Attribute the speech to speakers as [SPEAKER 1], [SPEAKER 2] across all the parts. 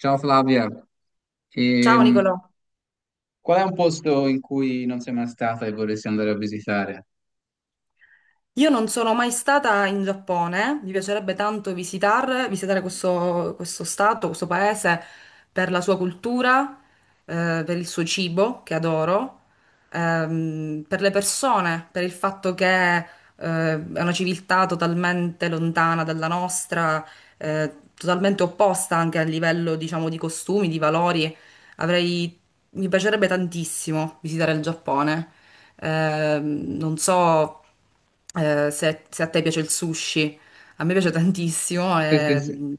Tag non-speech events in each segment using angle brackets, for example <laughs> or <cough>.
[SPEAKER 1] Ciao Flavia,
[SPEAKER 2] Ciao Nicolò,
[SPEAKER 1] Ehm, qual è un posto in cui non sei mai stata e vorresti andare a visitare?
[SPEAKER 2] io non sono mai stata in Giappone, mi piacerebbe tanto visitare questo stato, questo paese per la sua cultura, per il suo cibo che adoro, per le persone, per il fatto che, è una civiltà totalmente lontana dalla nostra, totalmente opposta anche a livello, diciamo, di costumi, di valori. Avrei, mi piacerebbe tantissimo visitare il Giappone. Non so se, se a te piace il sushi, a me piace tantissimo
[SPEAKER 1] Sì, sì,
[SPEAKER 2] e
[SPEAKER 1] sì,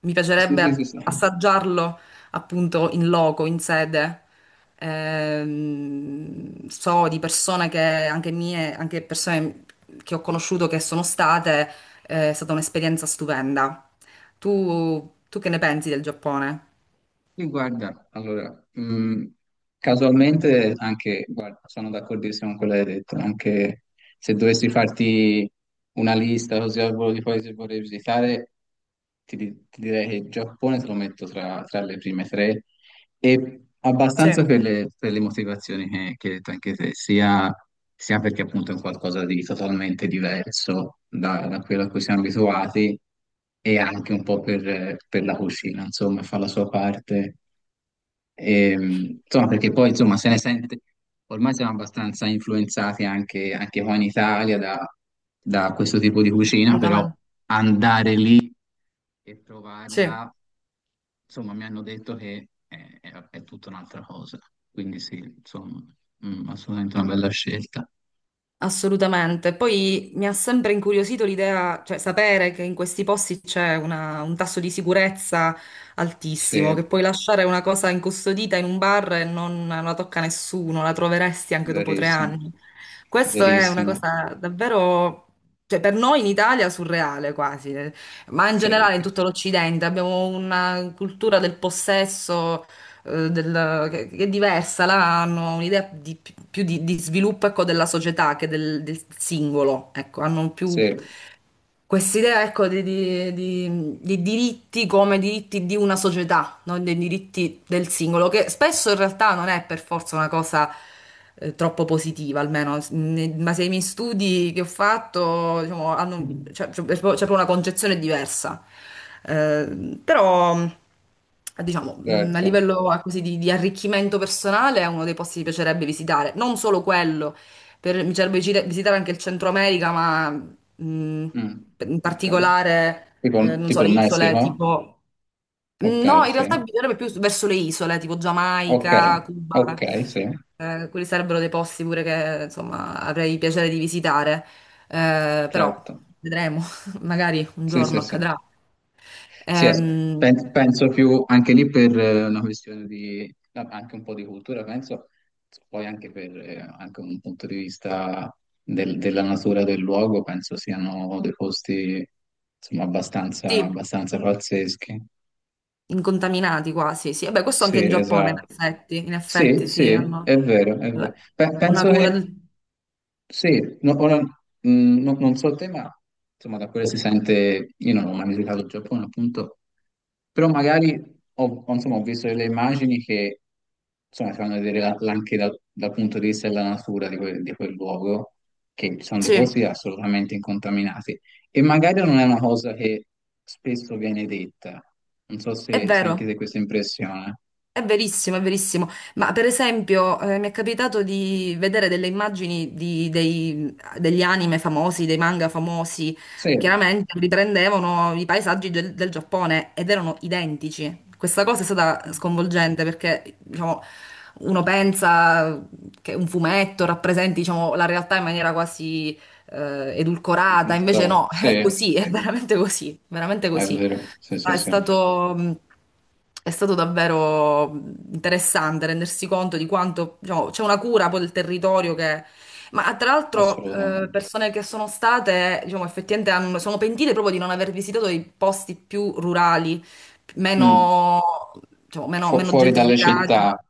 [SPEAKER 2] mi
[SPEAKER 1] sì, sì, sì,
[SPEAKER 2] piacerebbe
[SPEAKER 1] sì.
[SPEAKER 2] assaggiarlo appunto in loco, in sede. So di persone che, anche mie, anche persone che ho conosciuto che sono state, è stata un'esperienza stupenda. Tu che ne pensi del Giappone?
[SPEAKER 1] Sì, guarda, allora, casualmente anche, guarda, sono d'accordissimo con quello che hai detto, anche se dovessi farti una lista così al volo di paesi che vorrei visitare, ti direi che il Giappone te lo metto tra, tra le prime tre. E
[SPEAKER 2] Sì,
[SPEAKER 1] abbastanza per le motivazioni che hai detto anche te, sia, sia perché appunto è un qualcosa di totalmente diverso da, da quello a cui siamo abituati e anche un po' per la cucina, insomma, fa la sua parte. E, insomma, perché poi insomma se ne sente, ormai siamo abbastanza influenzati anche, anche qua in Italia da, da questo tipo di cucina, però
[SPEAKER 2] assolutamente.
[SPEAKER 1] andare lì e
[SPEAKER 2] Sì.
[SPEAKER 1] provarla, insomma, mi hanno detto che è, è tutta un'altra cosa. Quindi sì, insomma, mm, assolutamente una bella scelta.
[SPEAKER 2] Assolutamente. Poi mi ha sempre incuriosito l'idea, cioè sapere che in questi posti c'è un tasso di sicurezza
[SPEAKER 1] Sì,
[SPEAKER 2] altissimo, che puoi lasciare una cosa incustodita in un bar e non la tocca nessuno, la troveresti anche dopo tre
[SPEAKER 1] verissimo,
[SPEAKER 2] anni. Questo è una
[SPEAKER 1] verissimo.
[SPEAKER 2] cosa davvero, cioè per noi in Italia surreale quasi, ma in
[SPEAKER 1] Sì,
[SPEAKER 2] generale
[SPEAKER 1] sì,
[SPEAKER 2] in tutto l'Occidente abbiamo una cultura del possesso che è diversa, là hanno un'idea più di sviluppo, ecco, della società che del, del singolo, ecco, hanno
[SPEAKER 1] sì,
[SPEAKER 2] più quest'idea, ecco, di diritti come diritti di una società, non dei diritti del singolo, che spesso in realtà non è per forza una cosa troppo positiva, almeno, ma se i miei studi che ho fatto, diciamo, hanno, cioè, c'è proprio una concezione diversa. Però, diciamo, a
[SPEAKER 1] certo.
[SPEAKER 2] livello così, di arricchimento personale è uno dei posti che mi piacerebbe visitare, non solo quello. Per- mi piacerebbe visitare anche il Centro America, ma Mm,
[SPEAKER 1] Mm,
[SPEAKER 2] in
[SPEAKER 1] ok.
[SPEAKER 2] particolare,
[SPEAKER 1] Tipo,
[SPEAKER 2] non
[SPEAKER 1] tipo
[SPEAKER 2] so, le
[SPEAKER 1] il
[SPEAKER 2] isole
[SPEAKER 1] Messico?
[SPEAKER 2] tipo... No,
[SPEAKER 1] Ok,
[SPEAKER 2] in realtà
[SPEAKER 1] sì.
[SPEAKER 2] bisognerebbe più verso le isole, tipo
[SPEAKER 1] Ok,
[SPEAKER 2] Giamaica,
[SPEAKER 1] ok,
[SPEAKER 2] Cuba,
[SPEAKER 1] sì,
[SPEAKER 2] quelli sarebbero dei posti pure che, insomma, avrei piacere di visitare. Però
[SPEAKER 1] certo.
[SPEAKER 2] vedremo, <laughs> magari un
[SPEAKER 1] Sì, sì,
[SPEAKER 2] giorno
[SPEAKER 1] sì.
[SPEAKER 2] accadrà.
[SPEAKER 1] Sì, as-
[SPEAKER 2] Ehm,
[SPEAKER 1] penso più anche lì per una questione di anche un po' di cultura, penso poi anche per anche un punto di vista della natura del luogo, penso siano dei posti insomma abbastanza,
[SPEAKER 2] sì,
[SPEAKER 1] abbastanza pazzeschi.
[SPEAKER 2] incontaminati quasi, sì. Vabbè, questo
[SPEAKER 1] Sì,
[SPEAKER 2] anche in Giappone,
[SPEAKER 1] esatto.
[SPEAKER 2] in
[SPEAKER 1] Sì,
[SPEAKER 2] effetti sì,
[SPEAKER 1] sì,
[SPEAKER 2] hanno
[SPEAKER 1] è vero, è vero.
[SPEAKER 2] la- una
[SPEAKER 1] Penso
[SPEAKER 2] cura
[SPEAKER 1] che
[SPEAKER 2] del...
[SPEAKER 1] sì, no- ora, non so il tema, insomma, da quello si sente. Io non ho mai visitato il Giappone, appunto, però magari ho, insomma, ho visto delle immagini che, insomma, ti fanno vedere anche dal punto di vista della natura di quel luogo, che ci sono dei
[SPEAKER 2] Sì,
[SPEAKER 1] posti assolutamente incontaminati, e magari non è una cosa che spesso viene detta, non so
[SPEAKER 2] è
[SPEAKER 1] se, se anche
[SPEAKER 2] vero.
[SPEAKER 1] te questa impressione.
[SPEAKER 2] È verissimo, è verissimo. Ma per esempio, mi è capitato di vedere delle immagini degli anime famosi, dei manga famosi.
[SPEAKER 1] Sì,
[SPEAKER 2] Chiaramente riprendevano i paesaggi del, del Giappone ed erano identici. Questa cosa è stata sconvolgente perché, diciamo, uno pensa che un fumetto rappresenti, diciamo, la realtà in maniera quasi,
[SPEAKER 1] di
[SPEAKER 2] edulcorata, invece
[SPEAKER 1] storia,
[SPEAKER 2] no, <laughs>
[SPEAKER 1] sì,
[SPEAKER 2] è
[SPEAKER 1] è
[SPEAKER 2] così, è veramente così, veramente così.
[SPEAKER 1] vero, sì, sì,
[SPEAKER 2] È
[SPEAKER 1] sì.
[SPEAKER 2] stato, è stato davvero interessante rendersi conto di quanto, diciamo, c'è una cura poi del territorio che... Ma tra l'altro
[SPEAKER 1] Assolutamente.
[SPEAKER 2] persone che sono state, diciamo, sono pentite proprio di non aver visitato i posti più rurali,
[SPEAKER 1] Mm.
[SPEAKER 2] meno, diciamo, meno
[SPEAKER 1] Fuori dalle
[SPEAKER 2] gentrificati.
[SPEAKER 1] città,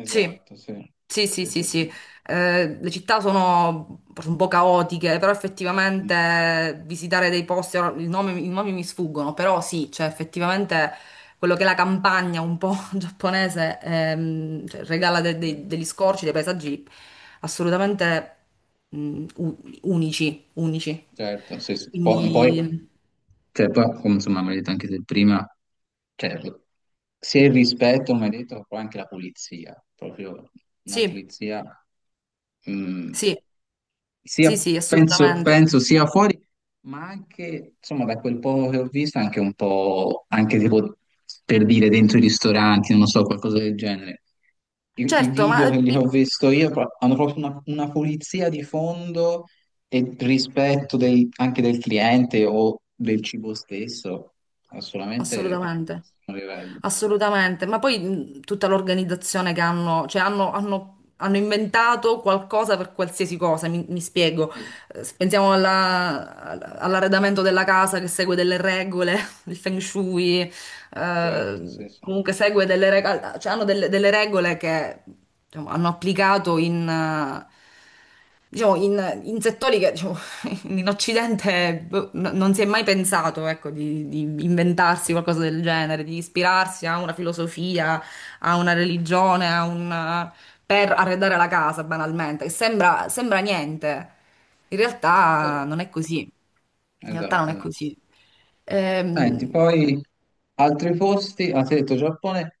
[SPEAKER 2] Sì,
[SPEAKER 1] sì,
[SPEAKER 2] sì, sì,
[SPEAKER 1] sì,
[SPEAKER 2] sì,
[SPEAKER 1] sì,
[SPEAKER 2] sì.
[SPEAKER 1] sì.
[SPEAKER 2] Le città sono un po' caotiche, però
[SPEAKER 1] Mm.
[SPEAKER 2] effettivamente visitare dei posti, ora i nomi mi sfuggono, però sì, cioè effettivamente quello che è la campagna un po' <laughs> giapponese cioè, regala
[SPEAKER 1] Sì,
[SPEAKER 2] degli scorci, dei paesaggi assolutamente unici, unici.
[SPEAKER 1] certo, sì, sì. Poi,
[SPEAKER 2] Quindi
[SPEAKER 1] cioè, poi, come insomma, mi hai detto anche se prima, cioè, se il rispetto, mi hai detto, poi anche la pulizia, proprio una
[SPEAKER 2] sì,
[SPEAKER 1] pulizia, mm,
[SPEAKER 2] sì,
[SPEAKER 1] sia,
[SPEAKER 2] sì, sì,
[SPEAKER 1] penso,
[SPEAKER 2] assolutamente.
[SPEAKER 1] penso sia fuori, ma anche, insomma, da quel poco che ho visto, anche un po', anche tipo, per dire, dentro i ristoranti, non lo so, qualcosa del genere i, i
[SPEAKER 2] Certo, ma
[SPEAKER 1] video che li ho visto io hanno proprio una pulizia di fondo e rispetto anche del cliente o del cibo stesso, assolutamente è proprio
[SPEAKER 2] assolutamente.
[SPEAKER 1] un livello.
[SPEAKER 2] Assolutamente, ma poi tutta l'organizzazione che hanno, cioè hanno inventato qualcosa per qualsiasi cosa, mi spiego.
[SPEAKER 1] Sì,
[SPEAKER 2] Se pensiamo all'arredamento della casa che segue delle regole, <laughs> il feng shui,
[SPEAKER 1] certo, sì, sì.
[SPEAKER 2] comunque segue delle regole, cioè hanno delle regole che diciamo, hanno applicato in, diciamo, in, in settori che diciamo, <laughs> in Occidente boh, non si è mai pensato, ecco, di inventarsi qualcosa
[SPEAKER 1] Sì.
[SPEAKER 2] del genere, di ispirarsi a una filosofia, a una religione, a un, per arredare la casa, banalmente, che sembra, sembra niente. In realtà
[SPEAKER 1] Però,
[SPEAKER 2] non è così. In realtà non
[SPEAKER 1] esatto,
[SPEAKER 2] è
[SPEAKER 1] esatto.
[SPEAKER 2] così.
[SPEAKER 1] Senti,
[SPEAKER 2] Ehm,
[SPEAKER 1] poi altri posti, ah, ti ho detto Giappone,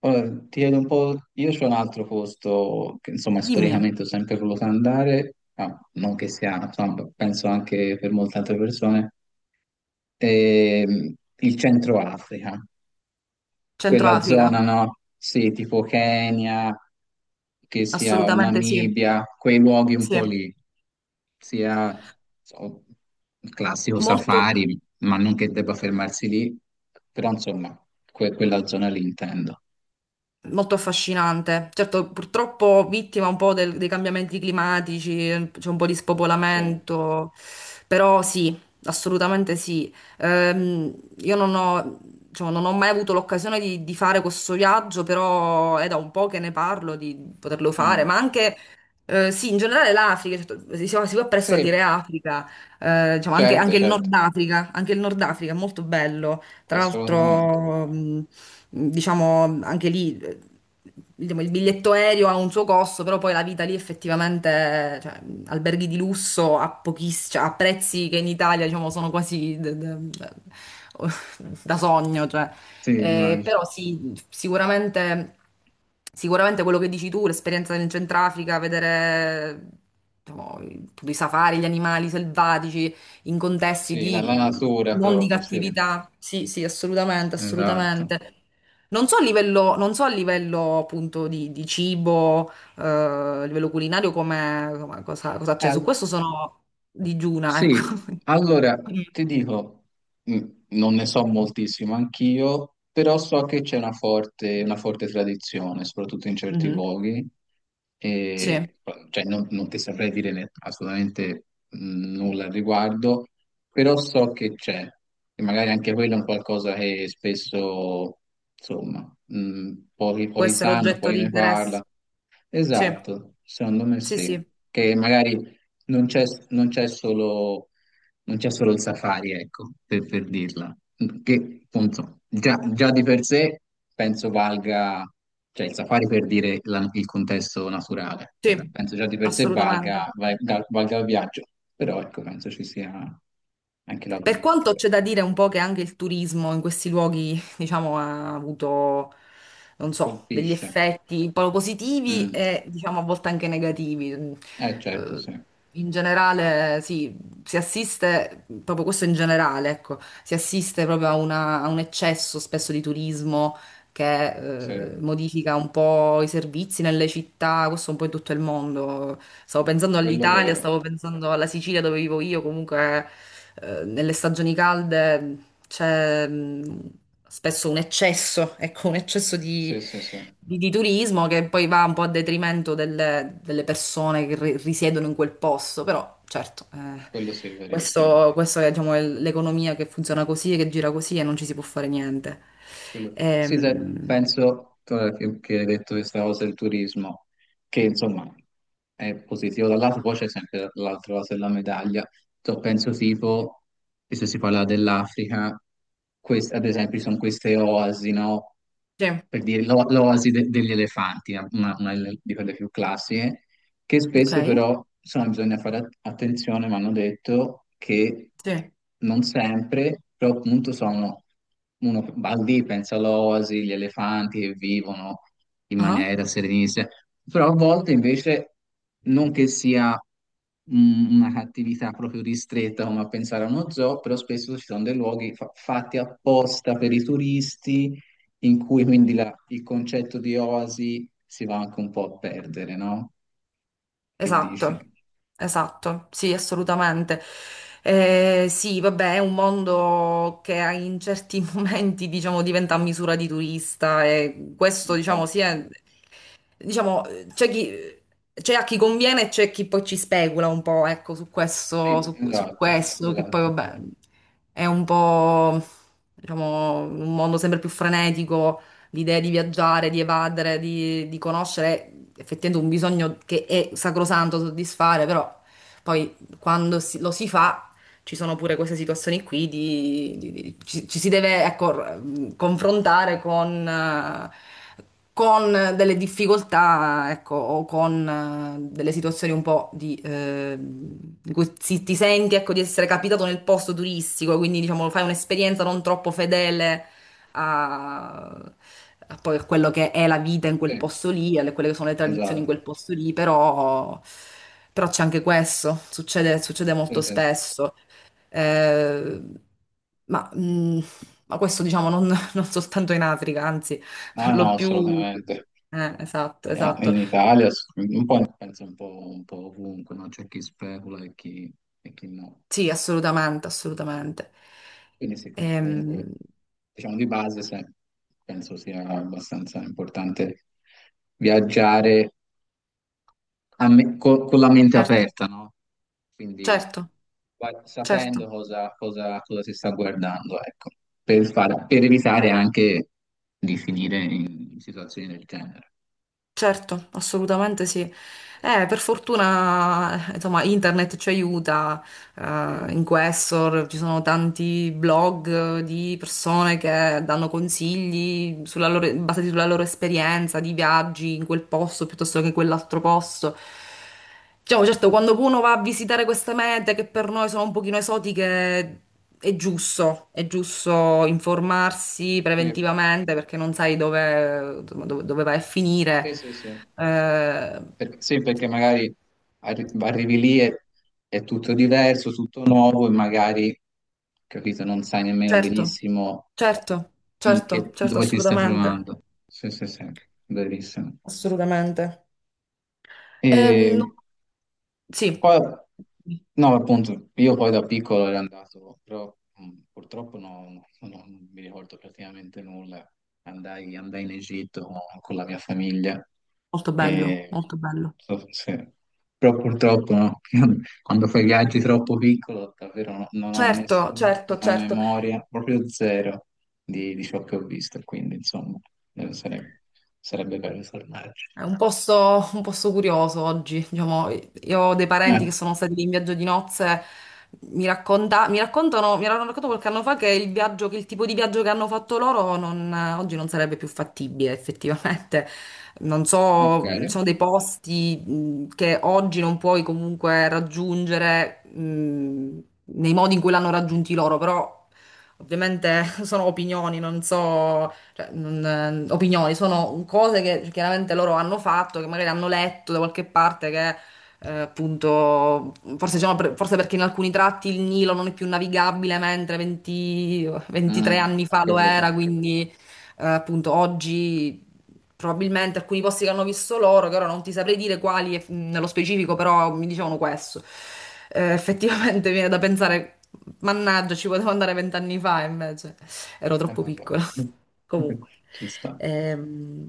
[SPEAKER 1] ora ti chiedo un po'. Io c'ho un altro posto che insomma
[SPEAKER 2] dimmi.
[SPEAKER 1] storicamente ho sempre voluto andare, ma non che sia, insomma, penso anche per molte altre persone, il Centro Africa,
[SPEAKER 2] Centro
[SPEAKER 1] quella
[SPEAKER 2] Africa,
[SPEAKER 1] zona, no? Sì, tipo Kenya, che sia o
[SPEAKER 2] assolutamente sì,
[SPEAKER 1] Namibia, quei luoghi un
[SPEAKER 2] sì,
[SPEAKER 1] po' lì, sia so, il classico
[SPEAKER 2] molto,
[SPEAKER 1] safari, ma non che debba fermarsi lì, però insomma, quella zona lì intendo.
[SPEAKER 2] molto affascinante. Certo, purtroppo vittima un po' dei cambiamenti climatici, c'è un po' di
[SPEAKER 1] Sì.
[SPEAKER 2] spopolamento, però sì, assolutamente sì. Io non ho, diciamo, non ho mai avuto l'occasione di fare questo viaggio, però è da un po' che ne parlo di poterlo fare,
[SPEAKER 1] Mm.
[SPEAKER 2] ma anche... sì, in generale l'Africa, certo, si va presto a
[SPEAKER 1] Sì,
[SPEAKER 2] dire Africa, diciamo anche,
[SPEAKER 1] certo,
[SPEAKER 2] anche il
[SPEAKER 1] certo,
[SPEAKER 2] Nord Africa, anche il Nord Africa è molto bello. Tra
[SPEAKER 1] assolutamente.
[SPEAKER 2] l'altro, diciamo anche lì diciamo, il biglietto aereo ha un suo costo, però poi la vita lì effettivamente, cioè, alberghi di lusso a cioè, a prezzi che in Italia, diciamo, sono quasi <laughs> da sogno, cioè.
[SPEAKER 1] Sì,
[SPEAKER 2] Eh,
[SPEAKER 1] immagino.
[SPEAKER 2] però sì, sicuramente, sicuramente quello che dici tu, l'esperienza in Centrafrica, vedere diciamo, tutti i safari, gli animali selvatici in contesti
[SPEAKER 1] Sì, la, la
[SPEAKER 2] di
[SPEAKER 1] natura
[SPEAKER 2] non di
[SPEAKER 1] proprio, sì,
[SPEAKER 2] cattività. Sì, sì, assolutamente,
[SPEAKER 1] esatto.
[SPEAKER 2] assolutamente. Non so a livello, non so a livello appunto di cibo, a livello culinario, cosa, cosa c'è. Su questo sono digiuna, ecco.
[SPEAKER 1] Sì,
[SPEAKER 2] <laughs>
[SPEAKER 1] allora
[SPEAKER 2] Mm.
[SPEAKER 1] ti dico, mh, non ne so moltissimo anch'io, però so che c'è una forte tradizione, soprattutto in certi
[SPEAKER 2] Mhm.
[SPEAKER 1] luoghi,
[SPEAKER 2] Sì,
[SPEAKER 1] e, cioè, non, non ti saprei dire ne- assolutamente nulla al riguardo, però so che c'è, e magari anche quello è un qualcosa che spesso, insomma, pochi,
[SPEAKER 2] può
[SPEAKER 1] pochi
[SPEAKER 2] essere
[SPEAKER 1] sanno,
[SPEAKER 2] oggetto
[SPEAKER 1] poi
[SPEAKER 2] di
[SPEAKER 1] ne
[SPEAKER 2] interesse.
[SPEAKER 1] parla.
[SPEAKER 2] Sì,
[SPEAKER 1] Esatto, secondo me
[SPEAKER 2] sì,
[SPEAKER 1] sì,
[SPEAKER 2] sì,
[SPEAKER 1] che magari non c'è non c'è solo, non c'è solo il safari, ecco, per dirla, che appunto già, già di per sé penso valga, cioè il safari per dire il contesto naturale, cioè,
[SPEAKER 2] sì,
[SPEAKER 1] penso già di per sé
[SPEAKER 2] assolutamente.
[SPEAKER 1] valga, valga il viaggio, però ecco, penso ci sia anche la
[SPEAKER 2] Per quanto
[SPEAKER 1] cultura.
[SPEAKER 2] c'è da dire un po' che anche il turismo in questi luoghi, diciamo, non so, degli
[SPEAKER 1] Colpisce.
[SPEAKER 2] effetti un po' positivi
[SPEAKER 1] Mm.
[SPEAKER 2] e, diciamo, a volte anche negativi.
[SPEAKER 1] Eh certo,
[SPEAKER 2] Eh,
[SPEAKER 1] sì,
[SPEAKER 2] In generale, sì, si assiste, proprio questo in generale, ecco, si assiste proprio a, a un eccesso spesso di turismo
[SPEAKER 1] sì,
[SPEAKER 2] che modifica un po' i servizi nelle città, questo un po' in tutto il mondo. Stavo pensando
[SPEAKER 1] quello
[SPEAKER 2] all'Italia,
[SPEAKER 1] vero,
[SPEAKER 2] stavo pensando alla Sicilia dove vivo io, comunque nelle stagioni calde c'è spesso un eccesso, <laughs> ecco, un eccesso
[SPEAKER 1] sì,
[SPEAKER 2] di,
[SPEAKER 1] sì, sì,
[SPEAKER 2] di turismo che poi va un po' a detrimento delle, delle persone che risiedono in quel posto, però certo,
[SPEAKER 1] quello sì, verissimo.
[SPEAKER 2] questo, questo è diciamo, l'economia che funziona così, e che gira così e non ci si può fare niente.
[SPEAKER 1] Quello, sì, sai,
[SPEAKER 2] Ehm,
[SPEAKER 1] penso ora che hai detto questa cosa del turismo, che insomma è positivo dal lato, poi c'è sempre l'altra cosa della medaglia. So, penso tipo, e se si parla dell'Africa, quest- ad esempio ci sono queste oasi, no?
[SPEAKER 2] sì,
[SPEAKER 1] Per dire l'oasi degli elefanti, una di quelle più classiche, che
[SPEAKER 2] ok,
[SPEAKER 1] spesso però, insomma, bisogna fare attenzione, mi hanno detto che
[SPEAKER 2] sì.
[SPEAKER 1] non sempre, però appunto sono, uno va lì, pensa all'oasi, gli elefanti che vivono in
[SPEAKER 2] Ah.
[SPEAKER 1] maniera serenissima, però a volte invece non che sia una cattività proprio ristretta come a pensare a uno zoo, però spesso ci sono dei luoghi fatti apposta per i turisti in cui quindi il concetto di oasi si va anche un po' a perdere, no? Che
[SPEAKER 2] Esatto,
[SPEAKER 1] dici?
[SPEAKER 2] esatto, sì, assolutamente. Sì, vabbè, è un mondo che in certi <laughs> momenti, diciamo, diventa a misura di turista e questo, diciamo, sì,
[SPEAKER 1] Esatto,
[SPEAKER 2] è- diciamo, c'è chi... C'è a chi conviene e c'è chi poi ci specula un po', ecco, su questo,
[SPEAKER 1] sì,
[SPEAKER 2] su, su
[SPEAKER 1] esatto,
[SPEAKER 2] questo, che poi
[SPEAKER 1] esatto,
[SPEAKER 2] vabbè è un po', diciamo, un mondo sempre più frenetico, l'idea di viaggiare, di evadere, di conoscere, è effettivamente un bisogno che è sacrosanto soddisfare, però poi quando lo si fa ci sono pure queste situazioni qui di, ci, ci si deve, ecco, confrontare con delle difficoltà, ecco, o con delle situazioni un po' di cui ti senti, ecco, di essere capitato nel posto turistico, quindi diciamo fai un'esperienza non troppo fedele a, a poi a quello che è la vita in quel
[SPEAKER 1] sì,
[SPEAKER 2] posto lì, alle quelle che sono le tradizioni in quel
[SPEAKER 1] esatto,
[SPEAKER 2] posto lì, però, però c'è anche questo, succede, succede
[SPEAKER 1] sì,
[SPEAKER 2] molto
[SPEAKER 1] sì, sì.
[SPEAKER 2] spesso. Eh, ma, mh, ma questo diciamo non, <laughs> non soltanto in Africa, anzi,
[SPEAKER 1] No,
[SPEAKER 2] per
[SPEAKER 1] no,
[SPEAKER 2] lo più...
[SPEAKER 1] assolutamente.
[SPEAKER 2] esatto, esatto.
[SPEAKER 1] In Italia, ass- un po', in- penso un po' ovunque, no? C'è chi specula e chi no.
[SPEAKER 2] Sì, assolutamente, assolutamente.
[SPEAKER 1] Quindi sì, com-
[SPEAKER 2] Ehm,
[SPEAKER 1] comunque, diciamo di base, se- penso sia abbastanza importante viaggiare con la mente
[SPEAKER 2] certo,
[SPEAKER 1] aperta, no? Quindi
[SPEAKER 2] certo,
[SPEAKER 1] va- sapendo
[SPEAKER 2] certo,
[SPEAKER 1] cosa, cosa si sta guardando, ecco, per, per evitare anche di finire in situazioni del genere.
[SPEAKER 2] certo, assolutamente sì. Per fortuna, insomma, internet ci aiuta
[SPEAKER 1] Sì,
[SPEAKER 2] in Questor, ci sono tanti blog di persone che danno consigli basati sulla loro esperienza di viaggi in quel posto piuttosto che in quell'altro posto. Diciamo, certo, quando uno va a visitare queste mete che per noi sono un pochino esotiche, è giusto informarsi
[SPEAKER 1] sì,
[SPEAKER 2] preventivamente perché non sai dove, dove, dove vai a finire.
[SPEAKER 1] sì, sì, sì.
[SPEAKER 2] Eh,
[SPEAKER 1] Perché, sì, perché magari arrivi lì e è tutto diverso, tutto nuovo e magari, capito, non sai nemmeno
[SPEAKER 2] Certo,
[SPEAKER 1] benissimo
[SPEAKER 2] certo, certo, certo,
[SPEAKER 1] dove ti stai
[SPEAKER 2] assolutamente,
[SPEAKER 1] trovando. Sì, sì, sì, verissimo.
[SPEAKER 2] assolutamente. No,
[SPEAKER 1] E
[SPEAKER 2] sì,
[SPEAKER 1] poi, no, appunto, io poi da piccolo ero andato, però purtroppo no, non mi ricordo praticamente nulla. Andai, andai in Egitto con la mia famiglia
[SPEAKER 2] molto bello,
[SPEAKER 1] e
[SPEAKER 2] molto bello.
[SPEAKER 1] so- se- però purtroppo no, <laughs> quando fai viaggi troppo piccolo davvero non ho
[SPEAKER 2] Certo, certo,
[SPEAKER 1] nessunissima
[SPEAKER 2] certo.
[SPEAKER 1] memoria, proprio zero di ciò che ho visto, quindi insomma sarebbe, sarebbe bello tornarci.
[SPEAKER 2] È un posto curioso oggi, diciamo, io ho dei
[SPEAKER 1] Eh,
[SPEAKER 2] parenti che sono stati lì in viaggio di nozze, mi raccontano, mi hanno raccontato qualche anno fa che il viaggio, che il tipo di viaggio che hanno fatto loro oggi non sarebbe più fattibile effettivamente. Non
[SPEAKER 1] ok,
[SPEAKER 2] so, ci sono dei posti che oggi non puoi comunque raggiungere nei modi in cui l'hanno raggiunti loro, però ovviamente <laughs> sono opinioni, non so cioè, opinioni, sono cose che chiaramente loro hanno fatto, che magari hanno letto da qualche parte che appunto, forse, diciamo, forse perché in alcuni tratti il Nilo non è più navigabile, mentre 20 23
[SPEAKER 1] mm,
[SPEAKER 2] anni
[SPEAKER 1] ho
[SPEAKER 2] fa lo era,
[SPEAKER 1] capito.
[SPEAKER 2] quindi appunto oggi probabilmente alcuni posti che hanno visto loro, che ora non ti saprei dire quali nello specifico, però mi dicevano questo. <laughs> Effettivamente viene da pensare, mannaggia, ci potevo andare 20 anni fa, invece ero troppo
[SPEAKER 1] Vabbè.
[SPEAKER 2] piccola. <laughs>
[SPEAKER 1] <laughs>
[SPEAKER 2] Comunque,
[SPEAKER 1] Ci sta.
[SPEAKER 2] ehm,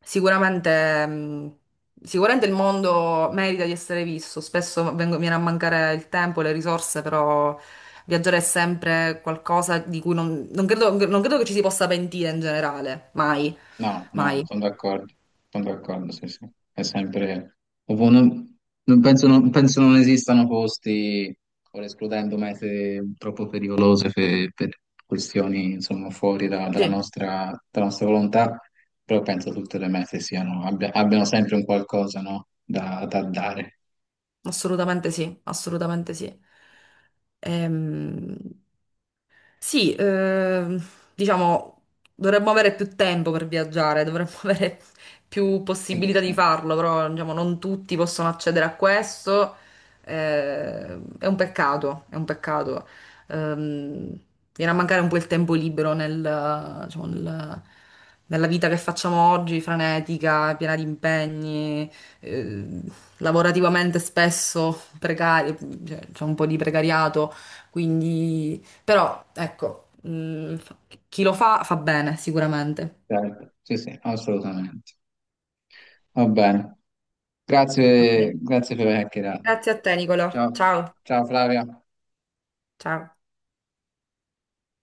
[SPEAKER 2] sicuramente, sicuramente il mondo merita di essere visto. Spesso viene a mancare il tempo, le risorse, però viaggiare è sempre qualcosa di cui non, non credo, non credo che ci si possa pentire in generale, mai.
[SPEAKER 1] No, no,
[SPEAKER 2] Mai.
[SPEAKER 1] sono d'accordo, sì, sì. È sempre... ovvio, non, non penso, non, penso non esistano posti, ora escludendo mete troppo pericolose per questioni, insomma, fuori
[SPEAKER 2] Sì,
[SPEAKER 1] dalla nostra volontà, però penso tutte le mete siano, abbiano sempre un qualcosa, no? Da, da dare.
[SPEAKER 2] assolutamente sì, assolutamente sì. Ehm, Sì, ehm, diciamo, dovremmo avere più tempo per viaggiare, dovremmo <laughs> avere più
[SPEAKER 1] Quindi
[SPEAKER 2] possibilità di
[SPEAKER 1] sì,
[SPEAKER 2] farlo, però diciamo, non tutti possono accedere a questo. eh, è un peccato, è un peccato. Ehm, viene a mancare un po' il tempo libero nel, diciamo, nella vita che facciamo oggi, frenetica, piena di impegni, eh, lavorativamente spesso precaria, cioè, c'è un po' di precariato, quindi... Però, ecco, chi lo fa fa bene, sicuramente.
[SPEAKER 1] certo. Sì, sì, assolutamente. Va bene. Grazie,
[SPEAKER 2] Ok.
[SPEAKER 1] grazie per aver chiacchierato.
[SPEAKER 2] Grazie a te, Nicolò.
[SPEAKER 1] Ciao,
[SPEAKER 2] Ciao.
[SPEAKER 1] ciao Flavia.
[SPEAKER 2] Ciao.